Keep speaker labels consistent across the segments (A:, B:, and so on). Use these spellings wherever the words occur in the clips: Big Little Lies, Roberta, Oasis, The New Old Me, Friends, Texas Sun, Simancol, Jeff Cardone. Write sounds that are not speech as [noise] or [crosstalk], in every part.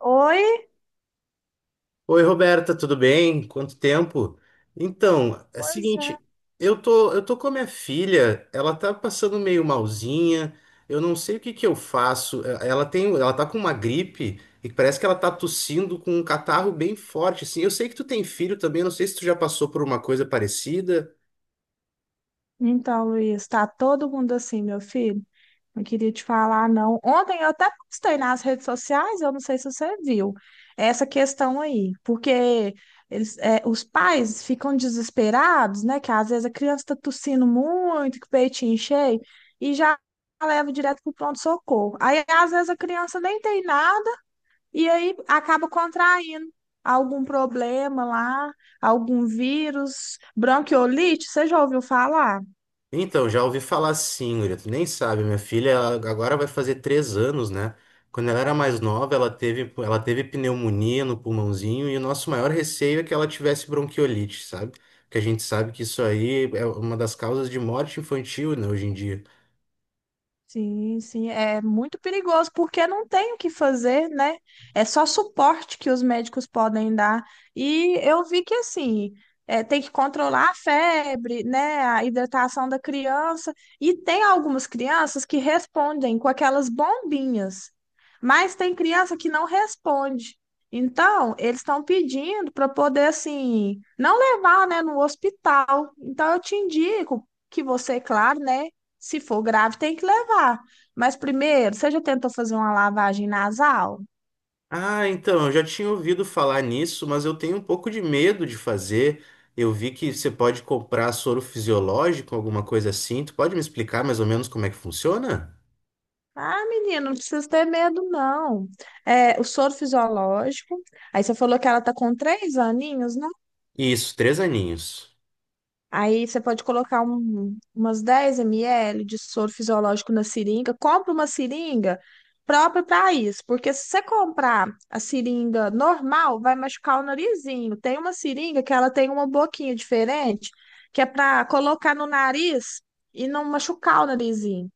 A: Oi?
B: Oi, Roberta, tudo bem? Quanto tempo? Então, é o
A: Pois é.
B: seguinte, eu tô com a minha filha, ela tá passando meio malzinha, eu não sei o que que eu faço. Ela tem, ela tá com uma gripe e parece que ela tá tossindo com um catarro bem forte, assim. Eu sei que tu tem filho também, não sei se tu já passou por uma coisa parecida.
A: Então, Luiz, tá todo mundo assim, meu filho? Não queria te falar, não. Ontem eu até postei nas redes sociais, eu não sei se você viu, essa questão aí, porque eles, é, os pais ficam desesperados, né? Que às vezes a criança tá tossindo muito, que o peitinho cheio, e já leva direto pro pronto-socorro. Aí, às vezes, a criança nem tem nada. E aí acaba contraindo algum problema lá, algum vírus, bronquiolite, você já ouviu falar?
B: Então, já ouvi falar sim, Guria. Tu nem sabe, minha filha ela agora vai fazer três anos, né? Quando ela era mais nova, ela teve pneumonia no pulmãozinho e o nosso maior receio é que ela tivesse bronquiolite, sabe? Porque a gente sabe que isso aí é uma das causas de morte infantil, né, hoje em dia.
A: Sim, sim, é muito perigoso porque não tem o que fazer, né? É só suporte que os médicos podem dar. E eu vi que assim, é, tem que controlar a febre, né? A hidratação da criança. E tem algumas crianças que respondem com aquelas bombinhas, mas tem criança que não responde. Então, eles estão pedindo para poder assim, não levar, né, no hospital. Então, eu te indico que você, claro, né? Se for grave, tem que levar. Mas primeiro, você já tentou fazer uma lavagem nasal?
B: Ah, então, eu já tinha ouvido falar nisso, mas eu tenho um pouco de medo de fazer. Eu vi que você pode comprar soro fisiológico, alguma coisa assim. Tu pode me explicar mais ou menos como é que funciona?
A: Ah, menina, não precisa ter medo, não. É, o soro fisiológico. Aí você falou que ela tá com 3 aninhos.
B: Isso, três aninhos.
A: Aí você pode colocar umas 10 ml de soro fisiológico na seringa. Compra uma seringa própria para isso, porque se você comprar a seringa normal, vai machucar o narizinho. Tem uma seringa que ela tem uma boquinha diferente, que é para colocar no nariz e não machucar o narizinho.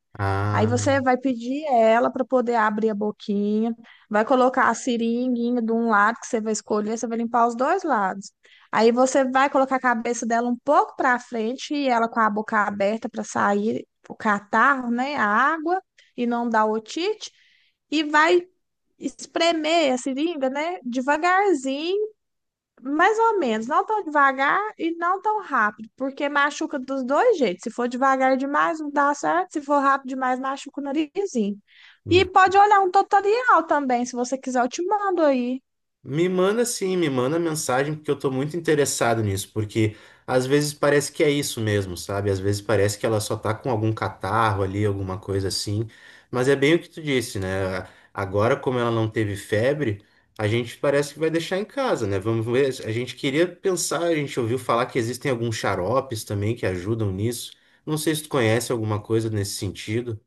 A: Aí
B: Ah.
A: você vai pedir ela para poder abrir a boquinha, vai colocar a seringuinha de um lado que você vai escolher, você vai limpar os dois lados. Aí você vai colocar a cabeça dela um pouco para frente e ela com a boca aberta para sair o catarro, né, a água e não dar otite e vai espremer a seringa, né, devagarzinho, mais ou menos, não tão devagar e não tão rápido, porque machuca dos dois jeitos. Se for devagar demais, não dá certo. Se for rápido demais, machuca o narizinho. E
B: Hum.
A: pode olhar um tutorial também, se você quiser, eu te mando aí.
B: Me manda sim, me manda mensagem, porque eu tô muito interessado nisso, porque às vezes parece que é isso mesmo, sabe? Às vezes parece que ela só tá com algum catarro ali, alguma coisa assim, mas é bem o que tu disse, né? Agora, como ela não teve febre, a gente parece que vai deixar em casa, né? Vamos ver, a gente queria pensar, a gente ouviu falar que existem alguns xaropes também que ajudam nisso. Não sei se tu conhece alguma coisa nesse sentido.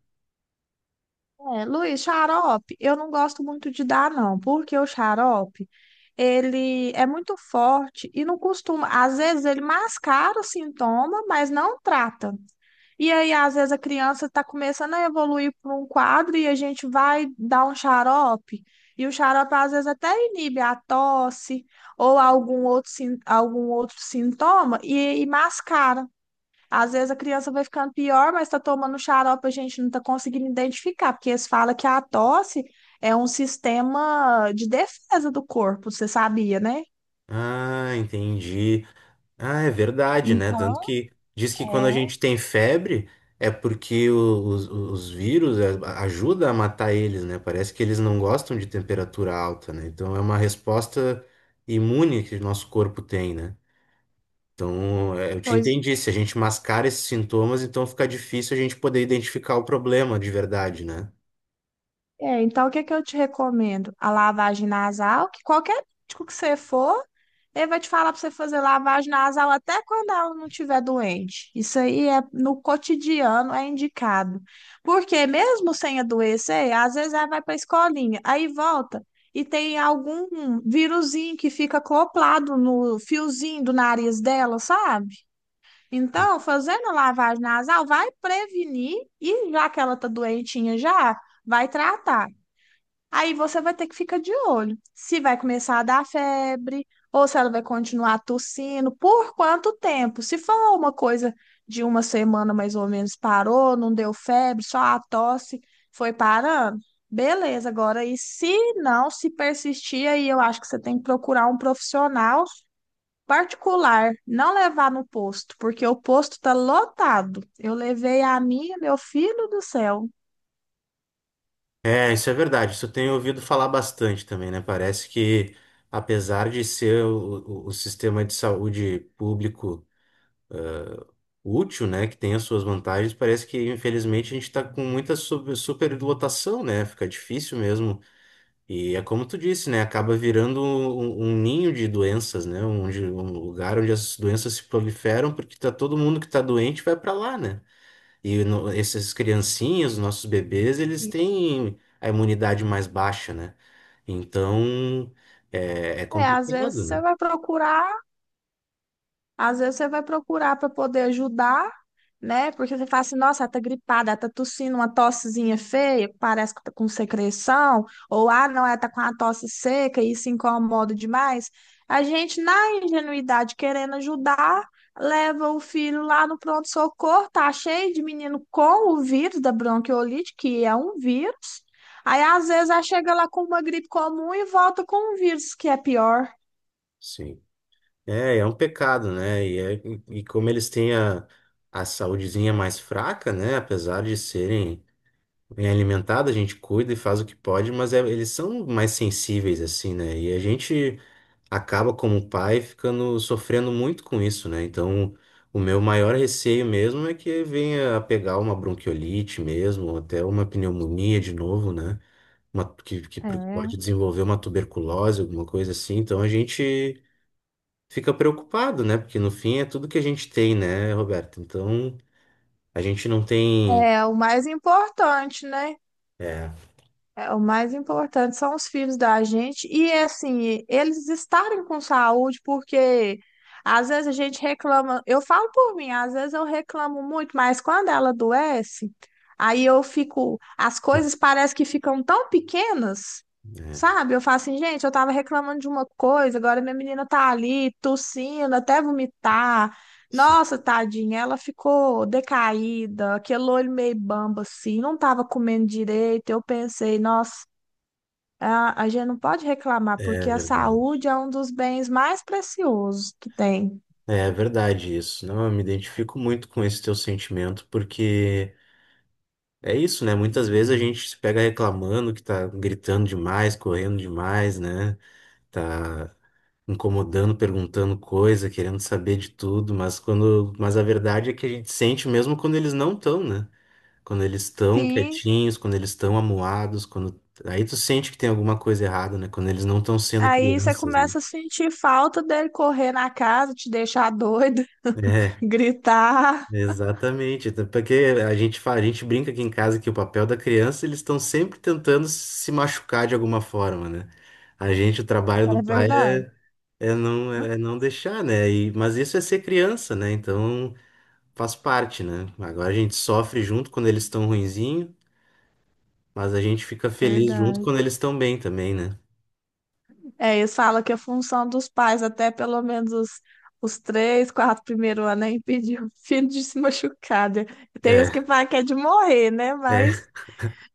A: É, Luiz, xarope, eu não gosto muito de dar, não, porque o xarope, ele é muito forte e não costuma. Às vezes ele mascara o sintoma, mas não trata. E aí, às vezes, a criança está começando a evoluir para um quadro e a gente vai dar um xarope. E o xarope, às vezes, até inibe a tosse ou algum outro, algum outro sintoma e mascara. Às vezes a criança vai ficando pior, mas está tomando xarope, a gente não está conseguindo identificar, porque eles falam que a tosse é um sistema de defesa do corpo, você sabia, né?
B: Ah, entendi. Ah, é verdade, né? Tanto
A: Então,
B: que diz que quando a
A: é,
B: gente tem febre é porque os vírus é, ajuda a matar eles, né? Parece que eles não gostam de temperatura alta, né? Então é uma resposta imune que o nosso corpo tem, né? Então, é, eu te
A: pois
B: entendi. Se a gente mascara esses sintomas, então fica difícil a gente poder identificar o problema de verdade, né?
A: é, então o que é que eu te recomendo? A lavagem nasal, que qualquer médico que você for, ele vai te falar para você fazer lavagem nasal até quando ela não estiver doente. Isso aí é no cotidiano, é indicado. Porque mesmo sem adoecer, às vezes ela vai para a escolinha, aí volta e tem algum vírusinho que fica acoplado no fiozinho do nariz dela, sabe? Então, fazendo a lavagem nasal vai prevenir e já que ela tá doentinha já, vai tratar. Aí você vai ter que ficar de olho se vai começar a dar febre ou se ela vai continuar tossindo, por quanto tempo. Se for uma coisa de uma semana mais ou menos, parou, não deu febre, só a tosse foi parando, beleza. Agora, e se não, se persistir, aí eu acho que você tem que procurar um profissional particular, não levar no posto, porque o posto está lotado. Eu levei a minha, meu filho do céu.
B: É, isso é verdade. Isso eu tenho ouvido falar bastante também, né? Parece que, apesar de ser o, o sistema de saúde público. Útil, né, que tem as suas vantagens, parece que infelizmente a gente está com muita superlotação, né? Fica difícil mesmo. E é como tu disse, né? Acaba virando um, um ninho de doenças, né? Onde, um lugar onde as doenças se proliferam, porque tá todo mundo que tá doente vai para lá, né? E no, essas criancinhas, os nossos bebês, eles têm a imunidade mais baixa, né? Então é, é
A: É, às vezes
B: complicado,
A: você
B: né?
A: vai procurar. Às vezes você vai procurar para poder ajudar, né? Porque você fala assim, nossa, ela tá gripada, ela tá tossindo uma tossezinha feia, parece que tá com secreção, ou ah, não, ela tá com uma tosse seca e isso incomoda demais. A gente, na ingenuidade, querendo ajudar, leva o filho lá no pronto-socorro, tá cheio de menino com o vírus da bronquiolite, que é um vírus. Aí, às vezes, ela chega lá com uma gripe comum e volta com um vírus que é pior.
B: Sim. É, é um pecado, né? E e como eles têm a saúdezinha mais fraca, né? Apesar de serem bem alimentados, a gente cuida e faz o que pode, mas é- eles são mais sensíveis, assim, né? E a gente acaba, como pai, ficando sofrendo muito com isso, né? Então, o meu maior receio mesmo é que venha a pegar uma bronquiolite mesmo, ou até uma pneumonia de novo, né? Uma, que
A: É.
B: pode desenvolver uma tuberculose, alguma coisa assim. Então, a gente fica preocupado, né? Porque no fim é tudo que a gente tem, né, Roberto? Então, a gente não tem.
A: É o mais importante, né?
B: É,
A: É, o mais importante são os filhos da gente e assim, eles estarem com saúde, porque às vezes a gente reclama, eu falo por mim, às vezes eu reclamo muito, mas quando ela adoece, aí eu fico, as coisas parece que ficam tão pequenas,
B: é,
A: sabe? Eu falo assim, gente, eu tava reclamando de uma coisa, agora minha menina tá ali tossindo, até vomitar.
B: sim,
A: Nossa, tadinha, ela ficou decaída, aquele olho meio bamba assim, não estava comendo direito. Eu pensei, nossa, a gente não pode reclamar,
B: é
A: porque a
B: verdade.
A: saúde é um dos bens mais preciosos que tem.
B: É verdade isso. Não, eu me identifico muito com esse teu sentimento, porque é isso, né? Muitas vezes a gente se pega reclamando que tá gritando demais, correndo demais, né? Tá incomodando, perguntando coisa, querendo saber de tudo, mas quando, mas a verdade é que a gente sente mesmo quando eles não estão, né? Quando eles estão
A: Sim,
B: quietinhos, quando eles estão amuados, quando aí tu sente que tem alguma coisa errada, né? Quando eles não estão sendo
A: aí você
B: crianças, né?
A: começa a sentir falta dele correr na casa, te deixar doido, [laughs]
B: É,
A: gritar.
B: exatamente. Até porque a gente fala, a gente brinca aqui em casa que o papel da criança, eles estão sempre tentando se machucar de alguma forma, né? A gente, o trabalho do
A: É
B: pai
A: verdade,
B: é, é não deixar, né? E, mas isso é ser criança, né? Então faz parte, né? Agora a gente sofre junto quando eles estão ruinzinho, mas a gente fica feliz junto
A: verdade.
B: quando eles estão bem também, né?
A: É, eles falam que a função dos pais, até pelo menos os 3, 4 primeiros anos, é impedir o filho de se machucar, né? Tem uns que
B: É.
A: falam que é de morrer, né?
B: É.
A: Mas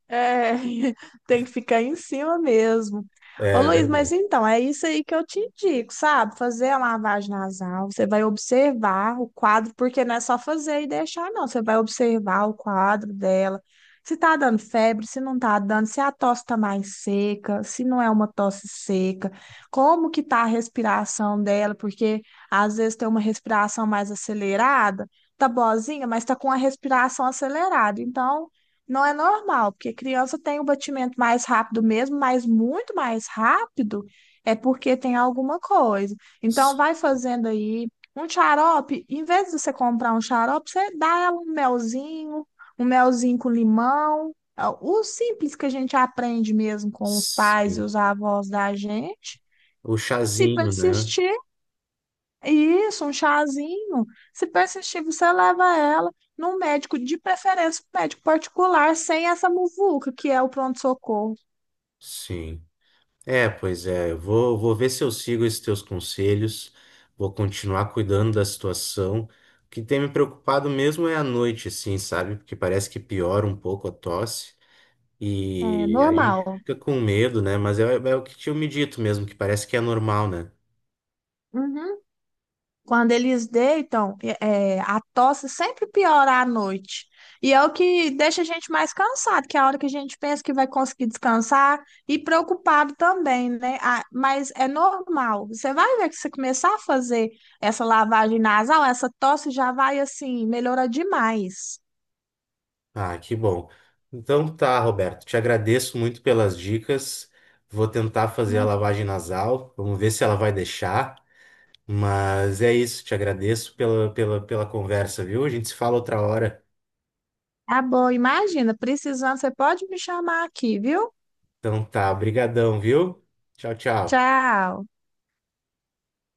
A: é, [laughs] tem que ficar em cima mesmo. Ô
B: É,
A: Luiz,
B: ver-
A: mas então, é isso aí que eu te indico, sabe? Fazer a lavagem nasal, você vai observar o quadro, porque não é só fazer e deixar, não. Você vai observar o quadro dela, se tá dando febre, se não tá dando, se a tosse tá mais seca, se não é uma tosse seca, como que tá a respiração dela, porque às vezes tem uma respiração mais acelerada, tá boazinha, mas tá com a respiração acelerada, então não é normal, porque criança tem o batimento mais rápido mesmo, mas muito mais rápido é porque tem alguma coisa. Então, vai fazendo aí um xarope. Em vez de você comprar um xarope, você dá ela um melzinho com limão. É o simples que a gente aprende mesmo com os pais e
B: sim.
A: os avós da gente.
B: O
A: E se
B: chazinho, né?
A: persistir, isso, um chazinho. Se persistir, você leva ela num médico, de preferência, um médico particular, sem essa muvuca, que é o pronto-socorro.
B: Sim. É, pois é. Vou ver se eu sigo esses teus conselhos. Vou continuar cuidando da situação. O que tem me preocupado mesmo é a noite, assim, sabe? Porque parece que piora um pouco a tosse.
A: É
B: E a gente
A: normal.
B: fica com medo, né? Mas é, é o que tinha me dito mesmo, que parece que é normal, né?
A: Uhum. Quando eles deitam, é, é, a tosse sempre piora à noite. E é o que deixa a gente mais cansado, que é a hora que a gente pensa que vai conseguir descansar e preocupado também, né? Ah, mas é normal. Você vai ver que você começar a fazer essa lavagem nasal, essa tosse já vai assim, melhora demais.
B: Ah, que bom. Então tá, Roberto, te agradeço muito pelas dicas. Vou tentar fazer a
A: Não.
B: lavagem nasal, vamos ver se ela vai deixar. Mas é isso, te agradeço pela conversa, viu? A gente se fala outra hora.
A: Tá bom, imagina, precisando, você pode me chamar aqui, viu?
B: Então tá, brigadão, viu? Tchau, tchau.
A: Tchau.